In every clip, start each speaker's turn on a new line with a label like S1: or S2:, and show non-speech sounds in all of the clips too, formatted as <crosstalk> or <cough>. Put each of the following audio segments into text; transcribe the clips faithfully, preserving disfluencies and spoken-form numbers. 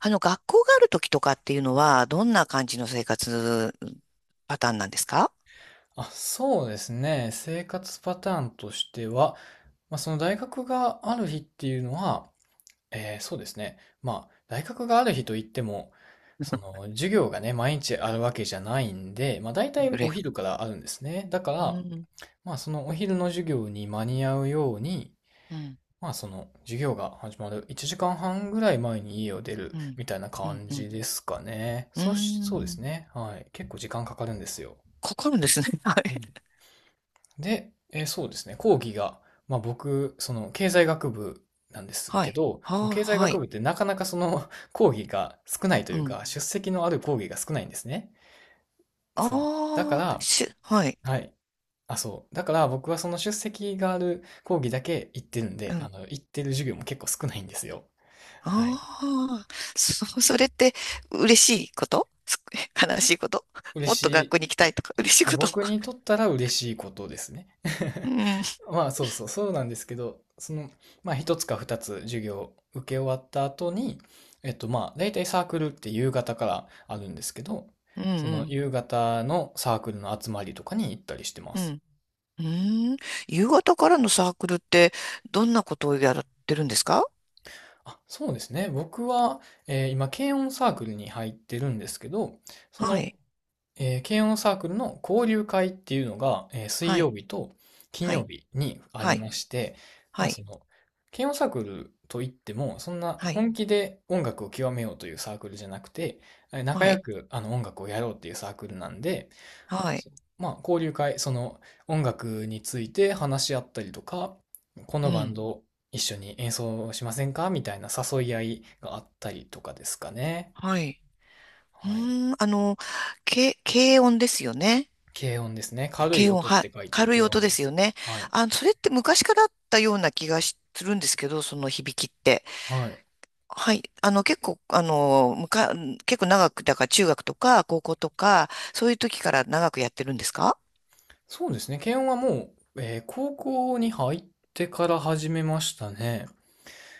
S1: あの、学校がある時とかっていうのは、どんな感じの生活パターンなんですか？
S2: あ、そうですね。生活パターンとしては、まあ、その大学がある日っていうのは、えーそうですね。まあ、大学がある日といっても、そ
S1: う
S2: の授業がね、毎日あるわけじゃないんで、まあ、大
S1: んう
S2: 体
S1: れ
S2: お
S1: や。
S2: 昼からあるんですね。だか
S1: う
S2: ら、
S1: ん、
S2: まあ、そのお昼の授業に間に合うように、
S1: うん、
S2: まあ、その授業が始まるいちじかんはんぐらい前に家を出る
S1: うん、
S2: みたいな
S1: うん、
S2: 感
S1: うん。
S2: じですかね。
S1: うー
S2: そうし、そうです
S1: ん
S2: ね。はい。結構時間かかるんですよ。
S1: かかるんですね。<laughs> はい。
S2: で、えーそうですね、講義が、まあ僕、その経済学部なんです
S1: は
S2: け
S1: い。
S2: ど、
S1: は
S2: その
S1: あ、
S2: 経済
S1: は
S2: 学
S1: い。
S2: 部ってなかなかその <laughs> 講義が少ないと
S1: う
S2: いう
S1: ん。
S2: か、出席のある講義が少ないんですね。
S1: あ
S2: そう。だか
S1: あ、
S2: ら、
S1: し、はい。
S2: はい。あ、そう。だから僕はその出席がある講義だけ行ってるん
S1: う
S2: で、あ
S1: ん。
S2: の、行ってる授業も結構少ないんですよ。はい。
S1: ああ、そ、<laughs> それって嬉しいことす <laughs> 悲しいこと、
S2: 嬉
S1: もっと学校
S2: し
S1: に行きたいとか、嬉しい
S2: あ
S1: こと。
S2: 僕にとっ
S1: <laughs>
S2: たら嬉しいことですね。
S1: うん、
S2: <laughs> まあそうそう、そうなんですけど、その、まあ一つか二つ授業を受け終わった後に、えっとまあ大体サークルって夕方からあるんですけど、
S1: うん、
S2: そ
S1: う
S2: の
S1: ん、
S2: 夕方のサークルの集まりとかに行ったりしてま
S1: う
S2: す。
S1: ん。うーん。夕方からのサークルって、どんなことをやってるんですか？
S2: あ、そうですね。僕は、えー今、軽音サークルに入ってるんですけど、そ
S1: は
S2: の
S1: い。
S2: えー、軽音サークルの交流会っていうのが、えー水
S1: はい。
S2: 曜日と金
S1: は
S2: 曜
S1: い。
S2: 日にあ
S1: は
S2: り
S1: い。
S2: まして、ま
S1: は
S2: あそ
S1: い。
S2: の、軽音サークルといっても、そんな
S1: はい。
S2: 本気で音楽を極めようというサークルじゃなくて、えー仲
S1: は
S2: 良
S1: い。
S2: くあの音楽をやろうっていうサークルなんで、
S1: はい。
S2: そうまあ交流会、その音楽について話し合ったりとか、こ
S1: う
S2: のバン
S1: ん。
S2: ド一緒に演奏しませんかみたいな誘い合いがあったりとかですかね。
S1: はい。う
S2: はい。
S1: ーん。あの、軽、軽音ですよね。
S2: 軽音ですね。軽い
S1: 軽音。
S2: 音っ
S1: はい。
S2: て書いて
S1: 軽い
S2: 軽音
S1: 音で
S2: で
S1: すよ
S2: す。
S1: ね。
S2: はい。
S1: あ、それって昔からあったような気がしするんですけど、その響きって。
S2: はい。
S1: はい。あの、結構、あの、むか、結構長く、だから中学とか高校とか、そういう時から長くやってるんですか？
S2: そうですね。軽音はもう、えー高校に入ってから始めましたね。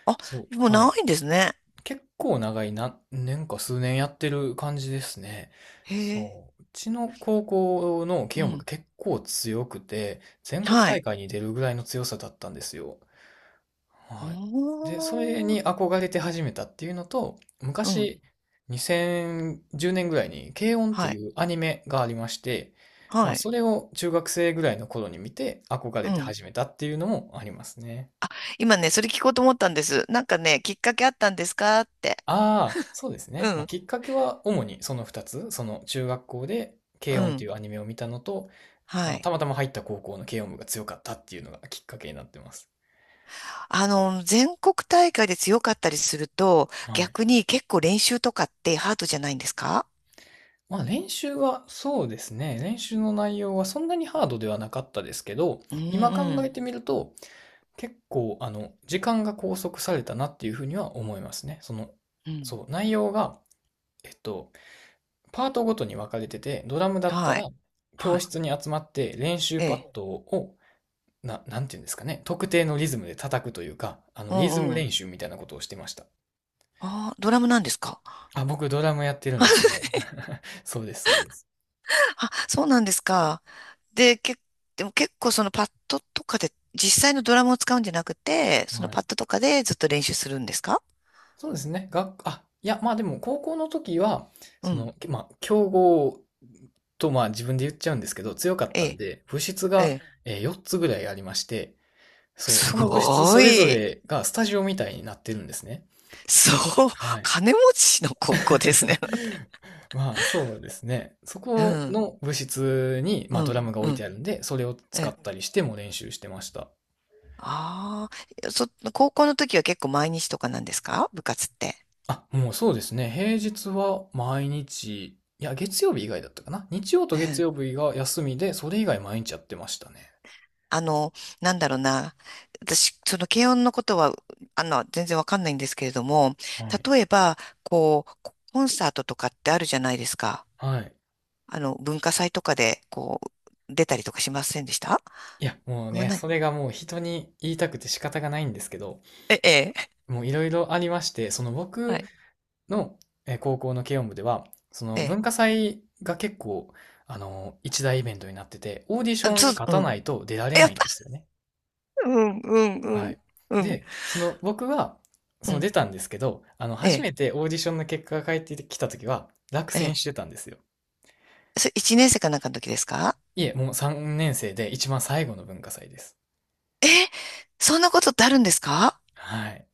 S1: あ、
S2: そう。
S1: もう
S2: は
S1: 長
S2: い。
S1: いんですね。
S2: 結構長い何年か数年やってる感じですね。
S1: へえ、
S2: そう。うちの高校の
S1: う
S2: 軽音部が
S1: ん、
S2: 結構強くて、全国
S1: は
S2: 大
S1: い。
S2: 会に出るぐらいの強さだったんですよ。
S1: お
S2: はい。で、それ
S1: ー、
S2: に憧れて始めたっていうのと、
S1: うん、
S2: 昔、にせんじゅうねんぐらいに、軽音って
S1: は
S2: い
S1: い、
S2: うアニメがありまして、ま
S1: は
S2: あ、そ
S1: い、
S2: れを中学生ぐらいの頃に見て、憧
S1: う
S2: れて
S1: ん。
S2: 始めたっていうのもありますね。
S1: 今ね、それ聞こうと思ったんです。なんかね、きっかけあったんですかって。
S2: ああ、そうです
S1: う
S2: ね。まあ、
S1: ん、
S2: きっかけは主にそのふたつ、その中学校で
S1: う
S2: 軽音って
S1: ん、
S2: いうアニメを見たのと、
S1: は
S2: あ
S1: い。
S2: たまたま入った高校の軽音部が強かったっていうのがきっかけになってます。
S1: あの、全国大会で強かったりすると、
S2: はい。
S1: 逆に結構練習とかってハードじゃないんですか？
S2: まあ練習はそうですね。練習の内容はそんなにハードではなかったですけど、
S1: うん、
S2: 今
S1: う
S2: 考え
S1: ん、
S2: てみると結構あの時間が拘束されたなっていうふうには思いますね。その、
S1: うん。
S2: そう、内容が、えっと、パートごとに分かれてて、ドラムだった
S1: はい、
S2: ら教
S1: はい。
S2: 室に集まって練習
S1: え
S2: パッ
S1: え、
S2: ドをな、なんていうんですかね、特定のリズムで叩くというか、あ
S1: う
S2: のリズム
S1: ん、うん。
S2: 練習みたいなことをしてました。
S1: ああ、ドラムなんですか？
S2: あ、僕ドラムやってるんですよ。<laughs> そうです、そうです。
S1: あ、そうなんですか。で、け、でも結構そのパッドとかで、実際のドラムを使うんじゃなくて、その
S2: は
S1: パ
S2: い。
S1: ッドとかでずっと練習するんですか？
S2: そうですね。学あ、いや、まあでも高校の時は、
S1: う
S2: そ
S1: ん。
S2: の、まあ、強豪とまあ自分で言っちゃうんですけど、強かっ
S1: え
S2: たん
S1: え、
S2: で、部室
S1: え
S2: が、
S1: え。
S2: えーよっつぐらいありまして、そう、
S1: す
S2: その部室
S1: ご
S2: それぞ
S1: い。
S2: れがスタジオみたいになってるんですね。
S1: そう。
S2: は
S1: <laughs>
S2: い。
S1: 金持ちの高校ですね。
S2: <laughs> まあそうですね。そ
S1: <laughs> う
S2: こ
S1: ん、
S2: の部室に、ま
S1: う
S2: あ、ド
S1: ん、
S2: ラムが置
S1: う
S2: い
S1: ん。
S2: てあるんで、それを
S1: え
S2: 使っ
S1: え。
S2: たりしても練習してました。
S1: ああ、そ、高校の時は結構毎日とかなんですか、部活って？
S2: あ、もうそうですね。平日は毎日、いや、月曜日以外だったかな。日曜と月曜日が休みで、それ以外毎日やってましたね。
S1: あの、なんだろうな。私、その軽音のことは、あの、全然わかんないんですけれども、
S2: はい。
S1: 例えば、こう、ココンサートとかってあるじゃないですか。
S2: はい。
S1: あの、文化祭とかで、こう、出たりとかしませんでした？
S2: いや、もう
S1: あんま
S2: ね、
S1: ない。
S2: それがもう人に言いたくて仕方がないんですけど、
S1: え、ええ、
S2: もういろいろありまして、その
S1: は
S2: 僕
S1: い。
S2: のえー高校の軽音部では、そ
S1: え
S2: の
S1: え。
S2: 文化祭が結構、あの、一大イベントになってて、オーディシ
S1: あ
S2: ョン
S1: そ
S2: に
S1: う、
S2: 勝
S1: う
S2: た
S1: ん。
S2: ないと出られ
S1: やっ
S2: ないん
S1: ぱ、
S2: ですよね。
S1: <laughs> うん、うん、う
S2: は
S1: ん、
S2: い。
S1: うん、
S2: で、その僕は、
S1: う
S2: その
S1: ん。
S2: 出たんですけど、あの、
S1: え
S2: 初
S1: え、
S2: めてオーディションの結果が返ってきた時は、落
S1: え
S2: 選
S1: え。
S2: してたんですよ。
S1: それ一年生かなんかの時ですか？
S2: いえ、もうさんねん生で一番最後の文化祭です。
S1: え、そんなことってあるんですか？
S2: はい。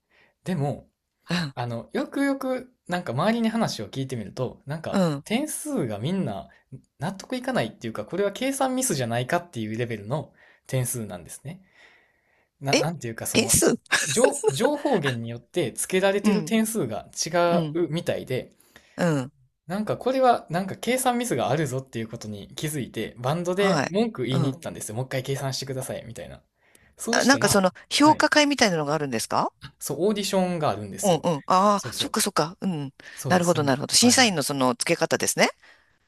S2: でも、
S1: うん、
S2: あの、よくよく、なんか周りに話を聞いてみると、なんか
S1: うん。
S2: 点数がみんな納得いかないっていうか、これは計算ミスじゃないかっていうレベルの点数なんですね。な、
S1: え、
S2: なんていうか、そ
S1: 点
S2: の、
S1: 数。
S2: 情、情報源によって付けられ
S1: う
S2: てる
S1: ん、
S2: 点数が
S1: う
S2: 違
S1: ん、
S2: うみたいで、
S1: うん。
S2: なんかこれはなんか計算ミスがあるぞっていうことに気づいて、バンドで
S1: はい。
S2: 文句言
S1: う
S2: いに行
S1: ん。
S2: ったんですよ。もう一回計算してください、みたいな。そう
S1: あ、
S2: し
S1: な
S2: た
S1: んかそ
S2: ら、
S1: の、
S2: は
S1: 評
S2: い。
S1: 価会みたいなのがあるんですか？
S2: そう、オーディションがあるんで
S1: う
S2: す
S1: ん
S2: よ。
S1: うん。あ
S2: そう
S1: あ、
S2: そ
S1: そっ
S2: う。
S1: かそっか。うん。
S2: そう
S1: な
S2: で
S1: る
S2: す。
S1: ほ
S2: そ
S1: ど、
S2: ん
S1: なるほど。
S2: は
S1: 審
S2: い
S1: 査
S2: は
S1: 員
S2: い。
S1: のその付け方ですね。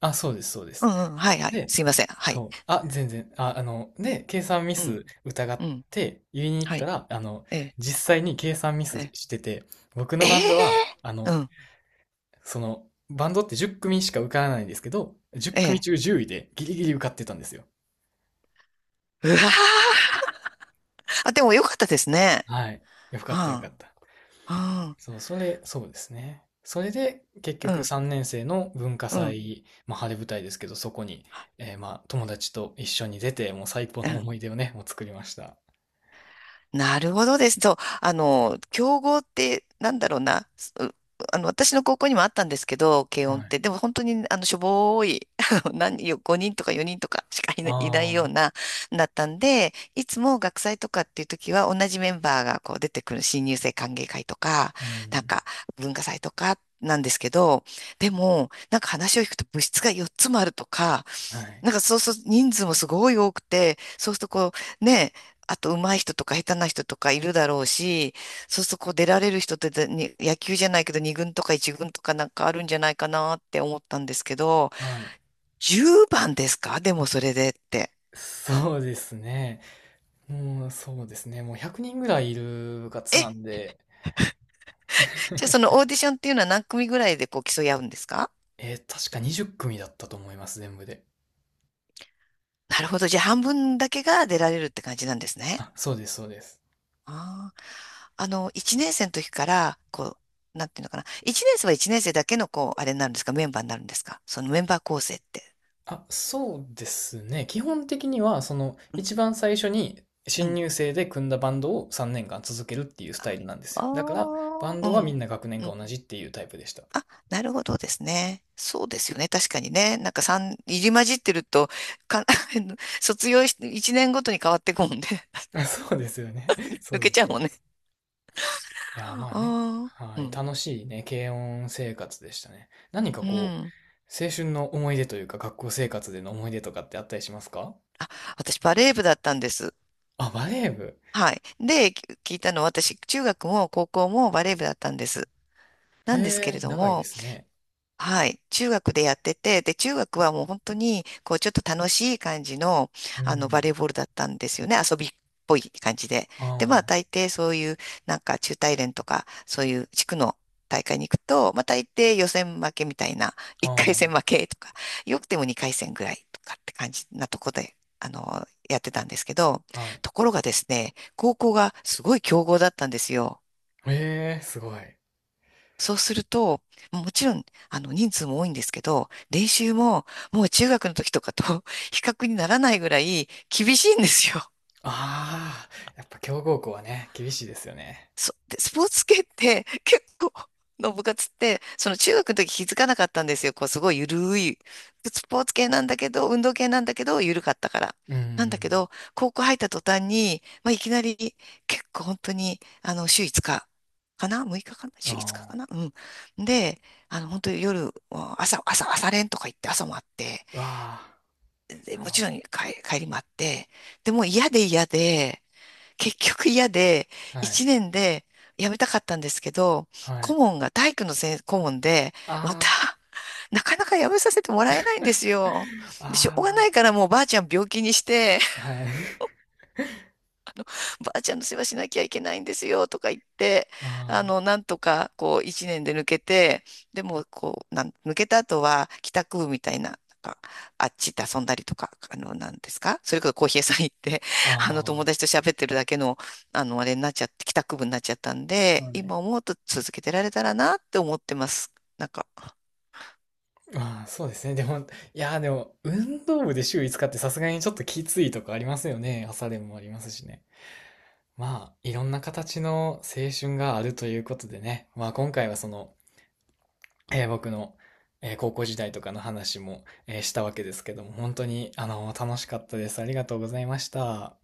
S2: あ、そうです、そうで
S1: う
S2: す。
S1: んうん。はいはい。
S2: で、
S1: すいません。はい。
S2: そう。あ、全然。あ、あの、で、計算ミ
S1: うん。
S2: ス疑
S1: う
S2: っ
S1: ん。
S2: て言いに行っ
S1: は
S2: た
S1: い。
S2: ら、あの、
S1: ええ。
S2: 実際に計算ミス
S1: ええ。
S2: してて、僕
S1: え
S2: のバンドは、あ
S1: え、う
S2: の、
S1: ん。
S2: その、バンドってじゅう組しか受からないんですけど、じゅう
S1: え
S2: 組
S1: え。
S2: 中じゅういでギリギリ受かってたんですよ。
S1: うわあ。あ、でもよかったですね。
S2: はい。よかったよか
S1: は
S2: った。
S1: あ。
S2: そう、それ、そうですね。それで、結
S1: うん。う
S2: 局
S1: ん。
S2: さんねん生の文化
S1: うん。
S2: 祭、まあ、晴れ舞台ですけど、そこに、えーまあ、友達と一緒に出て、もう最高の思い出をね、もう作りました。
S1: なるほどです。そう、あの、競合って、なんだろうな、すあの、私の高校にもあったんですけど、軽
S2: は
S1: 音っ
S2: い。
S1: て、でも本当に、あの、しょぼーい、<laughs> あの何よ、ごにんとかよにんとかしかい
S2: あ
S1: ない、いないよう
S2: あ、
S1: な、だったんで、いつも学祭とかっていう時は、同じメンバーがこう出てくる新入生歓迎会とか、
S2: う
S1: なん
S2: ん。
S1: か文化祭とかなんですけど、でも、なんか話を聞くと部室がよっつもあるとか、
S2: はい。
S1: なんかそうすると人数もすごい多くて、そうするとこう、ね、あと上手い人とか下手な人とかいるだろうし、そうするとこう出られる人ってでに野球じゃないけどに軍とかいち軍とかなんかあるんじゃないかなって思ったんですけど、
S2: はい。
S1: じゅうばんですか、でもそれでって。
S2: そうですね。もう、そうですね。もうひゃくにんぐらいいる部活
S1: え、
S2: なんで、
S1: じゃあその
S2: <laughs>
S1: オーディションっていうのは何組ぐらいでこう競い合うんですか？
S2: えー確かにじゅう組だったと思います、全部で。
S1: なるほど。じゃあ半分だけが出られるって感じなんですね。
S2: あ、そうです、そうです。
S1: ああ。あの、いちねん生の時から、こう、なんていうのかな。いちねん生はいちねん生だけの、こう、あれになるんですか？メンバーになるんですか？そのメンバー構成って？
S2: あ、そうですね。基本的には、その、
S1: うん。
S2: 一番最初に
S1: う
S2: 新
S1: ん、
S2: 入生で組んだバンドをさんねんかん続けるっていうスタイルなんですよ。
S1: あ
S2: だから、バン
S1: あ、う
S2: ドはみ
S1: ん。
S2: んな学年
S1: う
S2: が
S1: ん。
S2: 同じっていうタイプでした。
S1: あ、なるほどですね。そうですよね。確かにね。なんか三入り混じってると、か、<laughs> 卒業し、いちねんごとに変わっていくもんね。<laughs>
S2: あ、そうですよね。<laughs> そ
S1: 抜
S2: う
S1: け
S2: で
S1: ち
S2: す、
S1: ゃう
S2: そう
S1: もん
S2: で
S1: ね。
S2: す。いやー、まあね。
S1: ああ。
S2: は
S1: う
S2: い。
S1: ん。
S2: 楽しいね、軽音生活でしたね。何か
S1: う
S2: こ
S1: ん。
S2: う、青春の思い出というか、学校生活での思い出とかってあったりしますか？
S1: あ、私バレー部だったんです。
S2: あ、バレー部。
S1: はい。で、き聞いたのは私、中学も高校もバレー部だったんです。なんですけ
S2: へ
S1: れ
S2: え、
S1: ど
S2: 長いで
S1: も、
S2: すね。
S1: はい、中学でやってて、で、中学はもう本当に、こう、ちょっと楽しい感じの、
S2: う
S1: あの、バ
S2: ん。
S1: レーボールだったんですよね。遊びっぽい感じで。で、まあ、
S2: あ
S1: 大抵そういう、なんか、中大連とか、そういう地区の大会に行くと、まあ、大抵予選負けみたいな、<laughs>
S2: あ、
S1: いっかい戦
S2: あ
S1: 負けとか、よくてもにかい戦ぐらいとかって感じなとこで、あの、やってたんですけど、
S2: あ、はい。
S1: ところがですね、高校がすごい強豪だったんですよ。
S2: へえ、すごい。
S1: そうすると、もちろん、あの、人数も多いんですけど、練習も、もう中学の時とかと <laughs> 比較にならないぐらい厳しいんですよ。
S2: ああ、やっぱ強豪校はね、厳しいですよね。
S1: そ <laughs> で、スポーツ系って結構の部活って、その中学の時気づかなかったんですよ。こう、すごいゆるい。スポーツ系なんだけど、運動系なんだけど、ゆるかったから。
S2: う
S1: なんだけ
S2: ん
S1: ど、高校入った途端に、まあ、いきなり結構本当に、あの、週いつかかかな ?ろく 日かな
S2: うんう
S1: 週
S2: ん。
S1: いつかかか
S2: あ
S1: な。うん。で、あの、本当に夜、朝、朝、朝練とか行って朝もあって、
S2: あ、わあ、
S1: で、も
S2: な
S1: ち
S2: る
S1: ろ
S2: ほ
S1: ん帰、帰りもあって、でもう嫌で嫌で、結局嫌で、
S2: ど。はい、
S1: 一年で辞めたかったんですけど、
S2: は
S1: 顧
S2: い。
S1: 問が体育の先顧問で、ま
S2: あ
S1: た、なかなか辞めさせてもらえないんですよ。
S2: あ、
S1: で、しょうがな
S2: あ
S1: いからもうばあちゃん病気にして、
S2: あ、はい。
S1: ばあちゃんの世話しなきゃいけないんですよとか言って、あ
S2: あ
S1: の、なんとかこう一年で抜けて、でもこう、なん、抜けた後は帰宅部みたいな、なんかあっち行って遊んだりとか、あの、なんですか、それこそコーヒー屋さん行って、
S2: あ、
S1: <laughs> あの、友
S2: ああ、
S1: 達と喋ってるだけの、あの、あれになっちゃって、帰宅部になっちゃったんで、
S2: はい。
S1: 今思うと続けてられたらなって思ってます。なんか、
S2: ああ、そうですね。でも、いやー、でも、運動部で週いつかってさすがにちょっときついとかありますよね。朝練もありますしね。まあ、いろんな形の青春があるということでね。まあ、今回はその、えー僕の、えー高校時代とかの話も、えーしたわけですけども、本当に、あの、楽しかったです。ありがとうございました。